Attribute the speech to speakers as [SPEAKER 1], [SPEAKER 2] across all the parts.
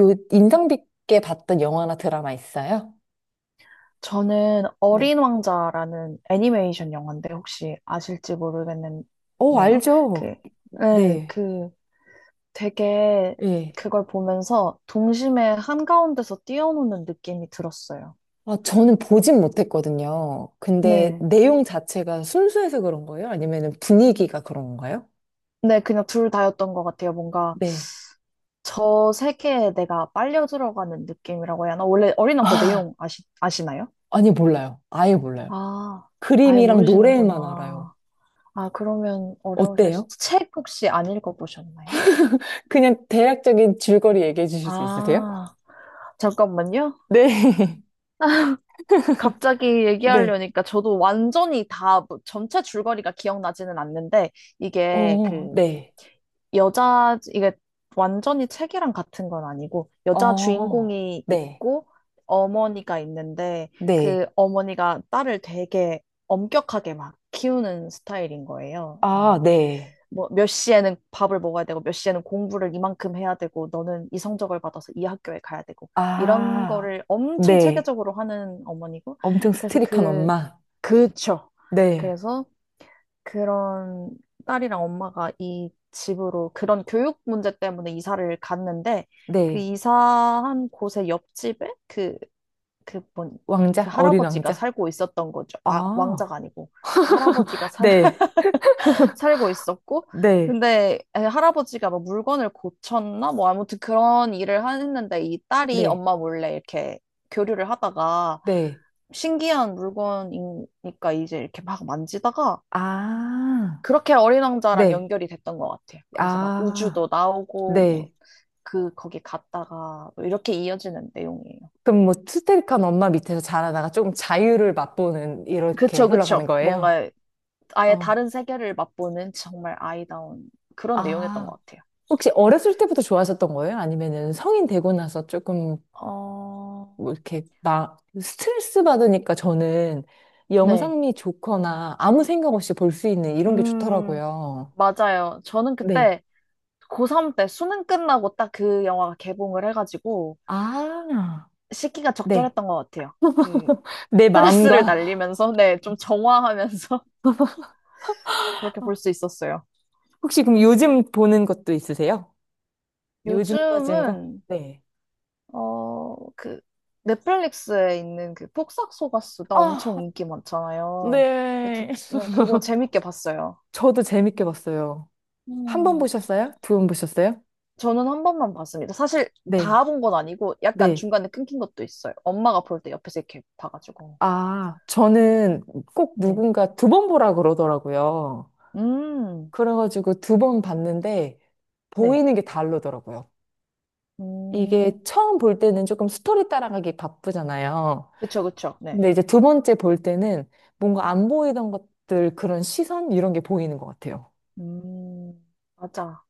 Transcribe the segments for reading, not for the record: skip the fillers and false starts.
[SPEAKER 1] 요 인상 깊게 봤던 영화나 드라마 있어요?
[SPEAKER 2] 저는
[SPEAKER 1] 네.
[SPEAKER 2] 어린 왕자라는 애니메이션 영화인데 혹시 아실지
[SPEAKER 1] 어,
[SPEAKER 2] 모르겠네요.
[SPEAKER 1] 알죠.
[SPEAKER 2] 그, 네,
[SPEAKER 1] 네.
[SPEAKER 2] 그 되게
[SPEAKER 1] 예.
[SPEAKER 2] 그걸 보면서 동심의 한가운데서 뛰어노는 느낌이 들었어요.
[SPEAKER 1] 아, 저는 보진 못했거든요. 근데
[SPEAKER 2] 네.
[SPEAKER 1] 내용 자체가 순수해서 그런 거예요? 아니면 분위기가 그런 건가요?
[SPEAKER 2] 네, 그냥 둘 다였던 것 같아요. 뭔가
[SPEAKER 1] 네.
[SPEAKER 2] 저 세계에 내가 빨려 들어가는 느낌이라고 해야 하나? 원래 어린 왕자
[SPEAKER 1] 아,
[SPEAKER 2] 내용 아시나요?
[SPEAKER 1] 아니, 몰라요. 아예 몰라요.
[SPEAKER 2] 아, 아예
[SPEAKER 1] 그림이랑 노래만 알아요.
[SPEAKER 2] 모르시는구나. 아, 그러면 어려우실 수,
[SPEAKER 1] 어때요?
[SPEAKER 2] 책 혹시 안 읽어보셨나요?
[SPEAKER 1] 그냥 대략적인 줄거리 얘기해 주실 수 있으세요?
[SPEAKER 2] 아. 잠깐만요.
[SPEAKER 1] 네.
[SPEAKER 2] 갑자기
[SPEAKER 1] 네.
[SPEAKER 2] 얘기하려니까 저도 완전히 다 전체 줄거리가 기억나지는 않는데 이게
[SPEAKER 1] 어,
[SPEAKER 2] 그
[SPEAKER 1] 네.
[SPEAKER 2] 여자 이게 완전히 책이랑 같은 건 아니고 여자
[SPEAKER 1] 어,
[SPEAKER 2] 주인공이
[SPEAKER 1] 네.
[SPEAKER 2] 있고 어머니가 있는데 그
[SPEAKER 1] 네.
[SPEAKER 2] 어머니가 딸을 되게 엄격하게 막 키우는 스타일인 거예요.
[SPEAKER 1] 아,
[SPEAKER 2] 막
[SPEAKER 1] 네.
[SPEAKER 2] 뭐 몇 시에는 밥을 먹어야 되고 몇 시에는 공부를 이만큼 해야 되고 너는 이 성적을 받아서 이 학교에 가야 되고 이런
[SPEAKER 1] 아,
[SPEAKER 2] 거를 엄청
[SPEAKER 1] 네.
[SPEAKER 2] 체계적으로 하는 어머니고
[SPEAKER 1] 엄청
[SPEAKER 2] 그래서
[SPEAKER 1] 스트릭한
[SPEAKER 2] 그
[SPEAKER 1] 엄마.
[SPEAKER 2] 그쵸
[SPEAKER 1] 네,
[SPEAKER 2] 그래서 그런 딸이랑 엄마가 이 집으로 그런 교육 문제 때문에 이사를 갔는데 그
[SPEAKER 1] 네.
[SPEAKER 2] 이사한 곳의 옆집에 그그뭔그
[SPEAKER 1] 왕자? 어린
[SPEAKER 2] 할아버지가
[SPEAKER 1] 왕자?
[SPEAKER 2] 살고 있었던 거죠. 아, 왕자가
[SPEAKER 1] 아,
[SPEAKER 2] 아니고 그 할아버지가 살
[SPEAKER 1] 네,
[SPEAKER 2] 살고 있었고,
[SPEAKER 1] 네,
[SPEAKER 2] 근데 할아버지가 뭐 물건을 고쳤나? 뭐 아무튼 그런 일을 했는데 이 딸이
[SPEAKER 1] 네,
[SPEAKER 2] 엄마 몰래 이렇게 교류를 하다가
[SPEAKER 1] 네.
[SPEAKER 2] 신기한 물건이니까 이제 이렇게 막 만지다가
[SPEAKER 1] 아,
[SPEAKER 2] 그렇게 어린 왕자랑
[SPEAKER 1] 네.
[SPEAKER 2] 연결이 됐던 것 같아요. 그래서 막
[SPEAKER 1] 아,
[SPEAKER 2] 우주도 나오고 뭐
[SPEAKER 1] 네.
[SPEAKER 2] 그 거기 갔다가 뭐 이렇게 이어지는 내용이에요.
[SPEAKER 1] 그럼 뭐 스트릭한 엄마 밑에서 자라다가 조금 자유를 맛보는 이렇게
[SPEAKER 2] 그쵸,
[SPEAKER 1] 흘러가는
[SPEAKER 2] 그쵸.
[SPEAKER 1] 거예요?
[SPEAKER 2] 뭔가 아예
[SPEAKER 1] 어.
[SPEAKER 2] 다른 세계를 맛보는 정말 아이다운 그런 내용이었던
[SPEAKER 1] 아,
[SPEAKER 2] 것 같아요.
[SPEAKER 1] 혹시 어렸을 때부터 좋아하셨던 거예요? 아니면은 성인 되고 나서 조금
[SPEAKER 2] 어,
[SPEAKER 1] 뭐 이렇게 막 스트레스 받으니까 저는
[SPEAKER 2] 네.
[SPEAKER 1] 영상미 좋거나 아무 생각 없이 볼 수 있는 이런 게
[SPEAKER 2] 음,
[SPEAKER 1] 좋더라고요.
[SPEAKER 2] 맞아요. 저는
[SPEAKER 1] 네.
[SPEAKER 2] 그때 고3 때 수능 끝나고 딱 그 영화가 개봉을 해가지고
[SPEAKER 1] 아,
[SPEAKER 2] 시기가
[SPEAKER 1] 네.
[SPEAKER 2] 적절했던 것 같아요. 그
[SPEAKER 1] 내
[SPEAKER 2] 스트레스를
[SPEAKER 1] 마음과
[SPEAKER 2] 날리면서, 네, 좀 정화하면서 그렇게 볼 수 있었어요.
[SPEAKER 1] 혹시 그럼 요즘 보는 것도 있으세요? 요즘 빠진 거?
[SPEAKER 2] 요즘은,
[SPEAKER 1] 네.
[SPEAKER 2] 어, 그 넷플릭스에 있는 그 폭삭소가수다 엄청
[SPEAKER 1] 아,
[SPEAKER 2] 인기 많잖아요. 근데
[SPEAKER 1] 네.
[SPEAKER 2] 저는 그거 재밌게 봤어요.
[SPEAKER 1] 저도 재밌게 봤어요. 한 번
[SPEAKER 2] 음.
[SPEAKER 1] 보셨어요? 2번 보셨어요?
[SPEAKER 2] 저는 한 번만 봤습니다. 사실
[SPEAKER 1] 네.
[SPEAKER 2] 다 본 건 아니고 약간
[SPEAKER 1] 네.
[SPEAKER 2] 중간에 끊긴 것도 있어요. 엄마가 볼 때 옆에서 이렇게 봐가지고.
[SPEAKER 1] 아, 저는 꼭
[SPEAKER 2] 네.
[SPEAKER 1] 누군가 2번 보라 그러더라고요.
[SPEAKER 2] 음,
[SPEAKER 1] 그래가지고 2번 봤는데
[SPEAKER 2] 네.
[SPEAKER 1] 보이는 게 다르더라고요.
[SPEAKER 2] 음,
[SPEAKER 1] 이게 처음 볼 때는 조금 스토리 따라가기 바쁘잖아요.
[SPEAKER 2] 그쵸, 그쵸. 네.
[SPEAKER 1] 근데 이제 두 번째 볼 때는 뭔가 안 보이던 것들 그런 시선 이런 게 보이는 것 같아요.
[SPEAKER 2] 맞아.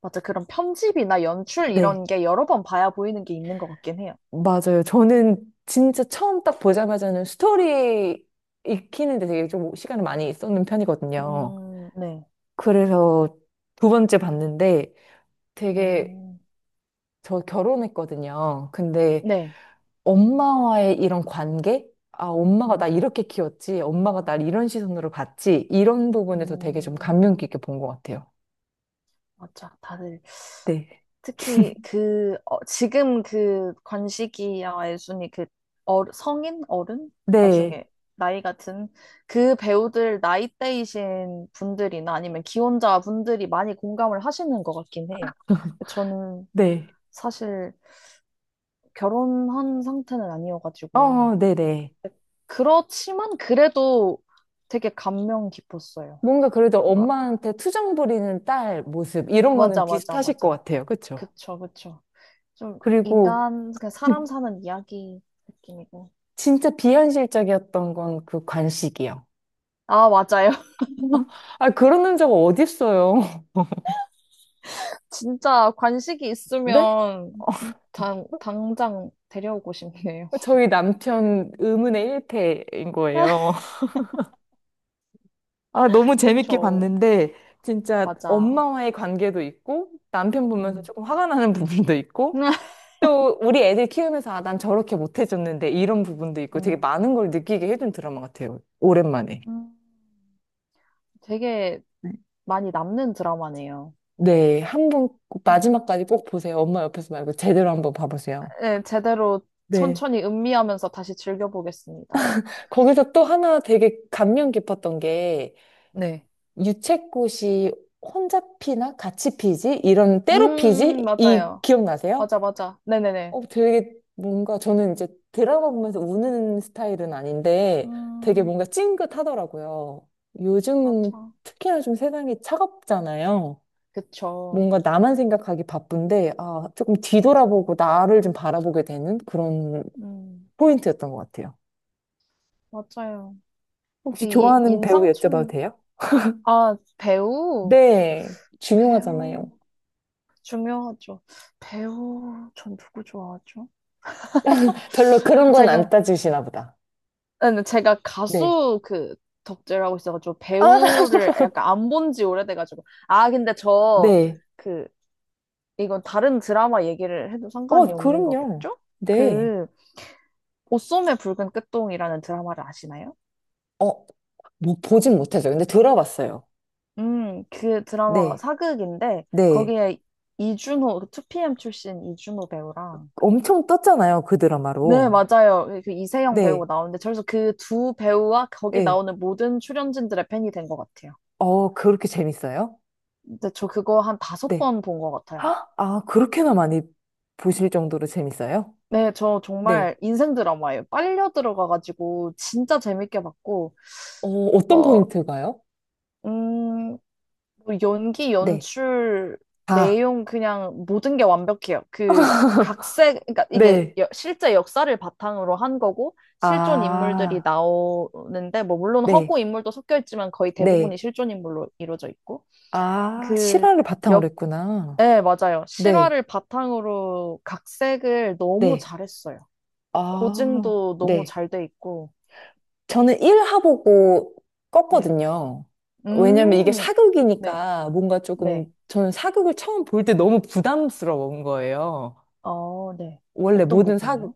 [SPEAKER 2] 맞아. 그런 편집이나 연출
[SPEAKER 1] 네,
[SPEAKER 2] 이런 게 여러 번 봐야 보이는 게 있는 것 같긴 해요.
[SPEAKER 1] 맞아요. 저는 진짜 처음 딱 보자마자는 스토리 익히는데 되게 좀 시간을 많이 쏟는 편이거든요.
[SPEAKER 2] 네.
[SPEAKER 1] 그래서 두 번째 봤는데 되게
[SPEAKER 2] 음,
[SPEAKER 1] 저 결혼했거든요. 근데
[SPEAKER 2] 네.
[SPEAKER 1] 엄마와의 이런 관계? 아, 엄마가 나
[SPEAKER 2] 음,
[SPEAKER 1] 이렇게 키웠지. 엄마가 날 이런 시선으로 봤지. 이런 부분에서 되게 좀
[SPEAKER 2] 음,
[SPEAKER 1] 감명 깊게 본 것 같아요.
[SPEAKER 2] 맞아. 다들
[SPEAKER 1] 네.
[SPEAKER 2] 특히 그 어, 지금 그 관식이와 예순이 그 어, 성인 어른
[SPEAKER 1] 네.
[SPEAKER 2] 나중에 나이 같은 그 배우들 나이대이신 분들이나 아니면 기혼자 분들이 많이 공감을 하시는 것 같긴 해요. 저는
[SPEAKER 1] 네.
[SPEAKER 2] 사실 결혼한 상태는 아니어가지고
[SPEAKER 1] 어, 네네.
[SPEAKER 2] 그렇지만 그래도 되게 감명 깊었어요.
[SPEAKER 1] 뭔가 그래도
[SPEAKER 2] 그러니까
[SPEAKER 1] 엄마한테 투정 부리는 딸 모습, 이런 거는 비슷하실 것
[SPEAKER 2] 맞아.
[SPEAKER 1] 같아요. 그쵸?
[SPEAKER 2] 그쵸 그쵸. 좀
[SPEAKER 1] 그리고
[SPEAKER 2] 인간 그냥 사람 사는 이야기 느낌이고.
[SPEAKER 1] 진짜 비현실적이었던 건 그 관식이요.
[SPEAKER 2] 아, 맞아요.
[SPEAKER 1] 아, 그런 남자가 어딨어요.
[SPEAKER 2] 진짜 관식이
[SPEAKER 1] 네?
[SPEAKER 2] 있으면 당장 데려오고 싶네요.
[SPEAKER 1] 저희 남편 의문의 일패인 거예요. 아, 너무 재밌게
[SPEAKER 2] 그쵸.
[SPEAKER 1] 봤는데, 진짜
[SPEAKER 2] 맞아.
[SPEAKER 1] 엄마와의 관계도 있고, 남편 보면서
[SPEAKER 2] 음.
[SPEAKER 1] 조금 화가 나는 부분도 있고, 또 우리 애들 키우면서, 아, 난 저렇게 못 해줬는데, 이런 부분도 있고, 되게
[SPEAKER 2] 음,
[SPEAKER 1] 많은 걸 느끼게 해준 드라마 같아요. 오랜만에.
[SPEAKER 2] 음, 되게
[SPEAKER 1] 네.
[SPEAKER 2] 많이 남는 드라마네요.
[SPEAKER 1] 네, 한번 꼭
[SPEAKER 2] 음.
[SPEAKER 1] 마지막까지 꼭 보세요. 엄마 옆에서 말고 제대로 한번 봐보세요.
[SPEAKER 2] 네, 제대로
[SPEAKER 1] 네.
[SPEAKER 2] 천천히 음미하면서 다시 즐겨보겠습니다.
[SPEAKER 1] 거기서 또 하나 되게 감명 깊었던 게,
[SPEAKER 2] 네.
[SPEAKER 1] 유채꽃이 혼자 피나 같이 피지? 이런 때로 피지? 이
[SPEAKER 2] 맞아요.
[SPEAKER 1] 기억나세요?
[SPEAKER 2] 맞아, 맞아. 네네네.
[SPEAKER 1] 어, 되게 뭔가 저는 이제 드라마 보면서 우는 스타일은 아닌데 되게
[SPEAKER 2] 음,
[SPEAKER 1] 뭔가 찡긋하더라고요. 요즘은
[SPEAKER 2] 맞아.
[SPEAKER 1] 특히나 좀 세상이 차갑잖아요.
[SPEAKER 2] 그쵸.
[SPEAKER 1] 뭔가 나만 생각하기 바쁜데, 아, 조금
[SPEAKER 2] 맞아.
[SPEAKER 1] 뒤돌아보고 나를 좀 바라보게 되는 그런
[SPEAKER 2] 음,
[SPEAKER 1] 포인트였던 것 같아요.
[SPEAKER 2] 맞아요.
[SPEAKER 1] 혹시
[SPEAKER 2] 이게
[SPEAKER 1] 좋아하는 배우 여쭤봐도
[SPEAKER 2] 임상춘,
[SPEAKER 1] 돼요?
[SPEAKER 2] 아, 배우?
[SPEAKER 1] 네, 중요하잖아요.
[SPEAKER 2] 배우 중요하죠. 배우 전 누구 좋아하죠?
[SPEAKER 1] 별로 그런 건 안
[SPEAKER 2] 제가
[SPEAKER 1] 따지시나 보다.
[SPEAKER 2] 아니, 제가
[SPEAKER 1] 네.
[SPEAKER 2] 가수 그 덕질을 하고 있어가지고
[SPEAKER 1] 아,
[SPEAKER 2] 배우를 약간 안 본지 오래돼가지고 아 근데 저
[SPEAKER 1] 네.
[SPEAKER 2] 그 이건 다른 드라마 얘기를 해도 상관이
[SPEAKER 1] 어,
[SPEAKER 2] 없는
[SPEAKER 1] 그럼요.
[SPEAKER 2] 거겠죠?
[SPEAKER 1] 네.
[SPEAKER 2] 그 옷소매 붉은 끝동이라는 드라마를 아시나요?
[SPEAKER 1] 어, 뭐 보진 못했어요. 근데 들어봤어요.
[SPEAKER 2] 그 드라마가
[SPEAKER 1] 네,
[SPEAKER 2] 사극인데
[SPEAKER 1] 네.
[SPEAKER 2] 거기에 이준호 2PM 출신 이준호 배우랑
[SPEAKER 1] 엄청 떴잖아요, 그
[SPEAKER 2] 네,
[SPEAKER 1] 드라마로.
[SPEAKER 2] 맞아요. 그 이세영 배우
[SPEAKER 1] 네,
[SPEAKER 2] 나오는데, 그래서 그 두 배우와 거기
[SPEAKER 1] 네.
[SPEAKER 2] 나오는 모든 출연진들의 팬이 된 것 같아요.
[SPEAKER 1] 어, 그렇게 재밌어요?
[SPEAKER 2] 근데 저 그거 한 다섯
[SPEAKER 1] 네.
[SPEAKER 2] 번 본 것 같아요.
[SPEAKER 1] 아, 아, 그렇게나 많이 보실 정도로 재밌어요?
[SPEAKER 2] 네, 저
[SPEAKER 1] 네,
[SPEAKER 2] 정말 인생 드라마예요. 빨려 들어가가지고 진짜 재밌게 봤고,
[SPEAKER 1] 어, 어떤
[SPEAKER 2] 어,
[SPEAKER 1] 포인트가요?
[SPEAKER 2] 음, 뭐 연기,
[SPEAKER 1] 네.
[SPEAKER 2] 연출,
[SPEAKER 1] 아,
[SPEAKER 2] 내용 그냥 모든 게 완벽해요. 그 각색, 그러니까 이게
[SPEAKER 1] 네.
[SPEAKER 2] 실제 역사를 바탕으로 한 거고 실존 인물들이
[SPEAKER 1] 아,
[SPEAKER 2] 나오는데 뭐 물론
[SPEAKER 1] 네,
[SPEAKER 2] 허구 인물도 섞여 있지만 거의
[SPEAKER 1] 네.
[SPEAKER 2] 대부분이 실존 인물로 이루어져 있고
[SPEAKER 1] 아,
[SPEAKER 2] 그
[SPEAKER 1] 실화를 바탕으로
[SPEAKER 2] 역,
[SPEAKER 1] 했구나.
[SPEAKER 2] 네, 맞아요.
[SPEAKER 1] 네,
[SPEAKER 2] 실화를 바탕으로 각색을 너무
[SPEAKER 1] 네.
[SPEAKER 2] 잘했어요.
[SPEAKER 1] 아,
[SPEAKER 2] 고증도 너무
[SPEAKER 1] 네.
[SPEAKER 2] 잘 돼 있고.
[SPEAKER 1] 저는 1화 보고
[SPEAKER 2] 네.
[SPEAKER 1] 껐거든요. 왜냐면 이게
[SPEAKER 2] 음, 네,
[SPEAKER 1] 사극이니까 뭔가 조금
[SPEAKER 2] 네.
[SPEAKER 1] 저는 사극을 처음 볼 때 너무 부담스러운 거예요.
[SPEAKER 2] 어, 네.
[SPEAKER 1] 원래
[SPEAKER 2] 어떤
[SPEAKER 1] 모든 사극
[SPEAKER 2] 부분이요?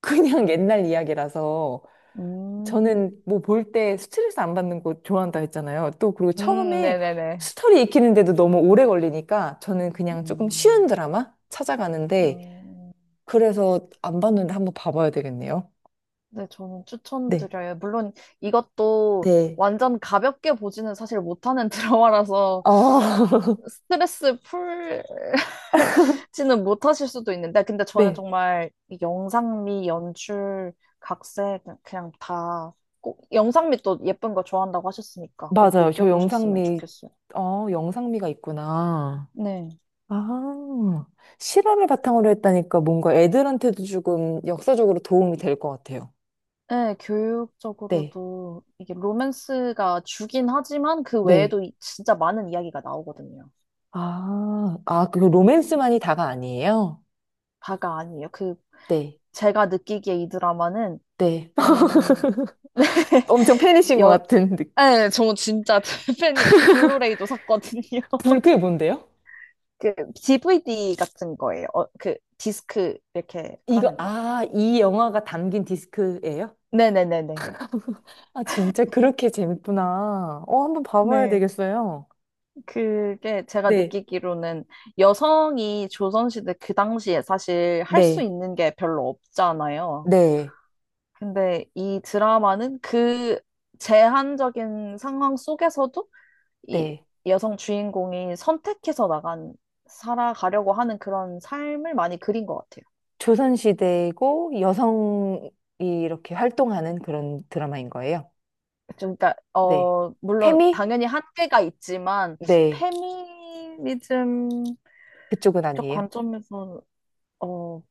[SPEAKER 1] 그냥
[SPEAKER 2] 네.
[SPEAKER 1] 옛날 이야기라서
[SPEAKER 2] 음.
[SPEAKER 1] 저는 뭐 볼 때 스트레스 안 받는 거 좋아한다 했잖아요. 또 그리고 처음에
[SPEAKER 2] 네네네.
[SPEAKER 1] 스토리 익히는데도 너무 오래 걸리니까 저는 그냥 조금 쉬운
[SPEAKER 2] 음,
[SPEAKER 1] 드라마 찾아가는데
[SPEAKER 2] 음,
[SPEAKER 1] 그래서 안 봤는데 한번 봐봐야 되겠네요.
[SPEAKER 2] 네, 저는
[SPEAKER 1] 네.
[SPEAKER 2] 추천드려요. 물론 이것도
[SPEAKER 1] 네.
[SPEAKER 2] 완전 가볍게 보지는 사실 못하는 드라마라서
[SPEAKER 1] 어,
[SPEAKER 2] 스트레스 풀지는 못하실 수도 있는데, 근데 저는
[SPEAKER 1] 네.
[SPEAKER 2] 정말 이 영상미, 연출, 각색, 그냥 다 꼭, 영상미 또 예쁜 거 좋아한다고 하셨으니까 꼭
[SPEAKER 1] 맞아요. 저
[SPEAKER 2] 느껴보셨으면
[SPEAKER 1] 영상미,
[SPEAKER 2] 좋겠어요.
[SPEAKER 1] 어, 영상미가 있구나.
[SPEAKER 2] 네.
[SPEAKER 1] 아, 실험을 바탕으로 했다니까 뭔가 애들한테도 조금 역사적으로 도움이 될 것 같아요.
[SPEAKER 2] 네,
[SPEAKER 1] 네,
[SPEAKER 2] 교육적으로도 이게 로맨스가 주긴 하지만 그
[SPEAKER 1] 네.
[SPEAKER 2] 외에도 진짜 많은 이야기가 나오거든요.
[SPEAKER 1] 아, 아, 그 로맨스만이 다가 아니에요?
[SPEAKER 2] 다가 아니에요. 그
[SPEAKER 1] 네,
[SPEAKER 2] 제가 느끼기에 이 드라마는
[SPEAKER 1] 네.
[SPEAKER 2] 음,
[SPEAKER 1] 엄청 팬이신 것
[SPEAKER 2] 여,
[SPEAKER 1] 같은 느낌.
[SPEAKER 2] 네, 저 진짜 팬이에요. 저 블루레이도 샀거든요.
[SPEAKER 1] 그게 뭔데요?
[SPEAKER 2] 그 DVD 같은 거예요. 어, 그 디스크 이렇게 파는 거?
[SPEAKER 1] 이 영화가 담긴 디스크예요?
[SPEAKER 2] 네네네네.
[SPEAKER 1] 아, 진짜 그렇게 재밌구나. 어, 한번 봐봐야
[SPEAKER 2] 네.
[SPEAKER 1] 되겠어요.
[SPEAKER 2] 그게 제가
[SPEAKER 1] 네,
[SPEAKER 2] 느끼기로는 여성이 조선시대 그 당시에 사실 할 수
[SPEAKER 1] 네,
[SPEAKER 2] 있는 게 별로 없잖아요.
[SPEAKER 1] 네,
[SPEAKER 2] 근데 이 드라마는 그 제한적인 상황 속에서도 이
[SPEAKER 1] 네.
[SPEAKER 2] 여성 주인공이 선택해서 나간, 살아가려고 하는 그런 삶을 많이 그린 것 같아요.
[SPEAKER 1] 조선시대고 여성이 이렇게 활동하는 그런 드라마인 거예요.
[SPEAKER 2] 좀, 그러니까,
[SPEAKER 1] 네.
[SPEAKER 2] 어, 물론
[SPEAKER 1] 태미?
[SPEAKER 2] 당연히 한계가 있지만,
[SPEAKER 1] 네.
[SPEAKER 2] 페미니즘
[SPEAKER 1] 그쪽은
[SPEAKER 2] 적
[SPEAKER 1] 아니에요.
[SPEAKER 2] 관점에서, 어,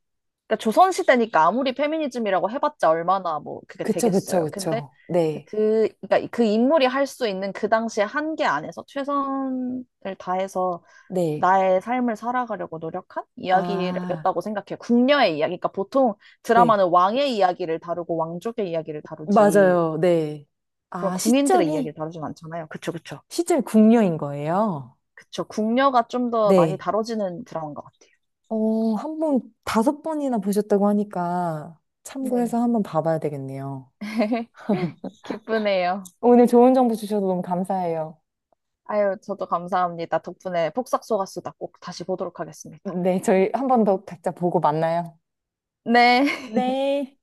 [SPEAKER 2] 그러니까 조선시대니까 아무리 페미니즘이라고 해봤자 얼마나 뭐 그게
[SPEAKER 1] 그쵸, 그쵸,
[SPEAKER 2] 되겠어요. 근데
[SPEAKER 1] 그쵸. 네.
[SPEAKER 2] 그러니까 그 인물이 할 수 있는 그 당시의 한계 안에서 최선을 다해서
[SPEAKER 1] 네.
[SPEAKER 2] 나의 삶을 살아가려고 노력한
[SPEAKER 1] 아,
[SPEAKER 2] 이야기였다고 생각해요. 궁녀의 이야기. 그러니까 보통
[SPEAKER 1] 네.
[SPEAKER 2] 드라마는 왕의 이야기를 다루고 왕족의 이야기를 다루지
[SPEAKER 1] 맞아요. 네.
[SPEAKER 2] 그런
[SPEAKER 1] 아,
[SPEAKER 2] 군인들의 이야기를
[SPEAKER 1] 시점이,
[SPEAKER 2] 다루진 않잖아요. 그쵸, 그쵸.
[SPEAKER 1] 시점이 궁녀인 거예요.
[SPEAKER 2] 그쵸. 궁녀가 좀 더 많이
[SPEAKER 1] 네.
[SPEAKER 2] 다뤄지는 드라마인 것 같아요.
[SPEAKER 1] 어, 한 번, 5번이나 보셨다고 하니까
[SPEAKER 2] 네.
[SPEAKER 1] 참고해서 한번 봐봐야 되겠네요.
[SPEAKER 2] 기쁘네요.
[SPEAKER 1] 오늘 좋은 정보 주셔서 너무 감사해요.
[SPEAKER 2] 아유, 저도 감사합니다. 덕분에 폭삭 속았수다 꼭 다시 보도록 하겠습니다.
[SPEAKER 1] 네, 저희 한 번 더 각자 보고 만나요.
[SPEAKER 2] 네.
[SPEAKER 1] 네.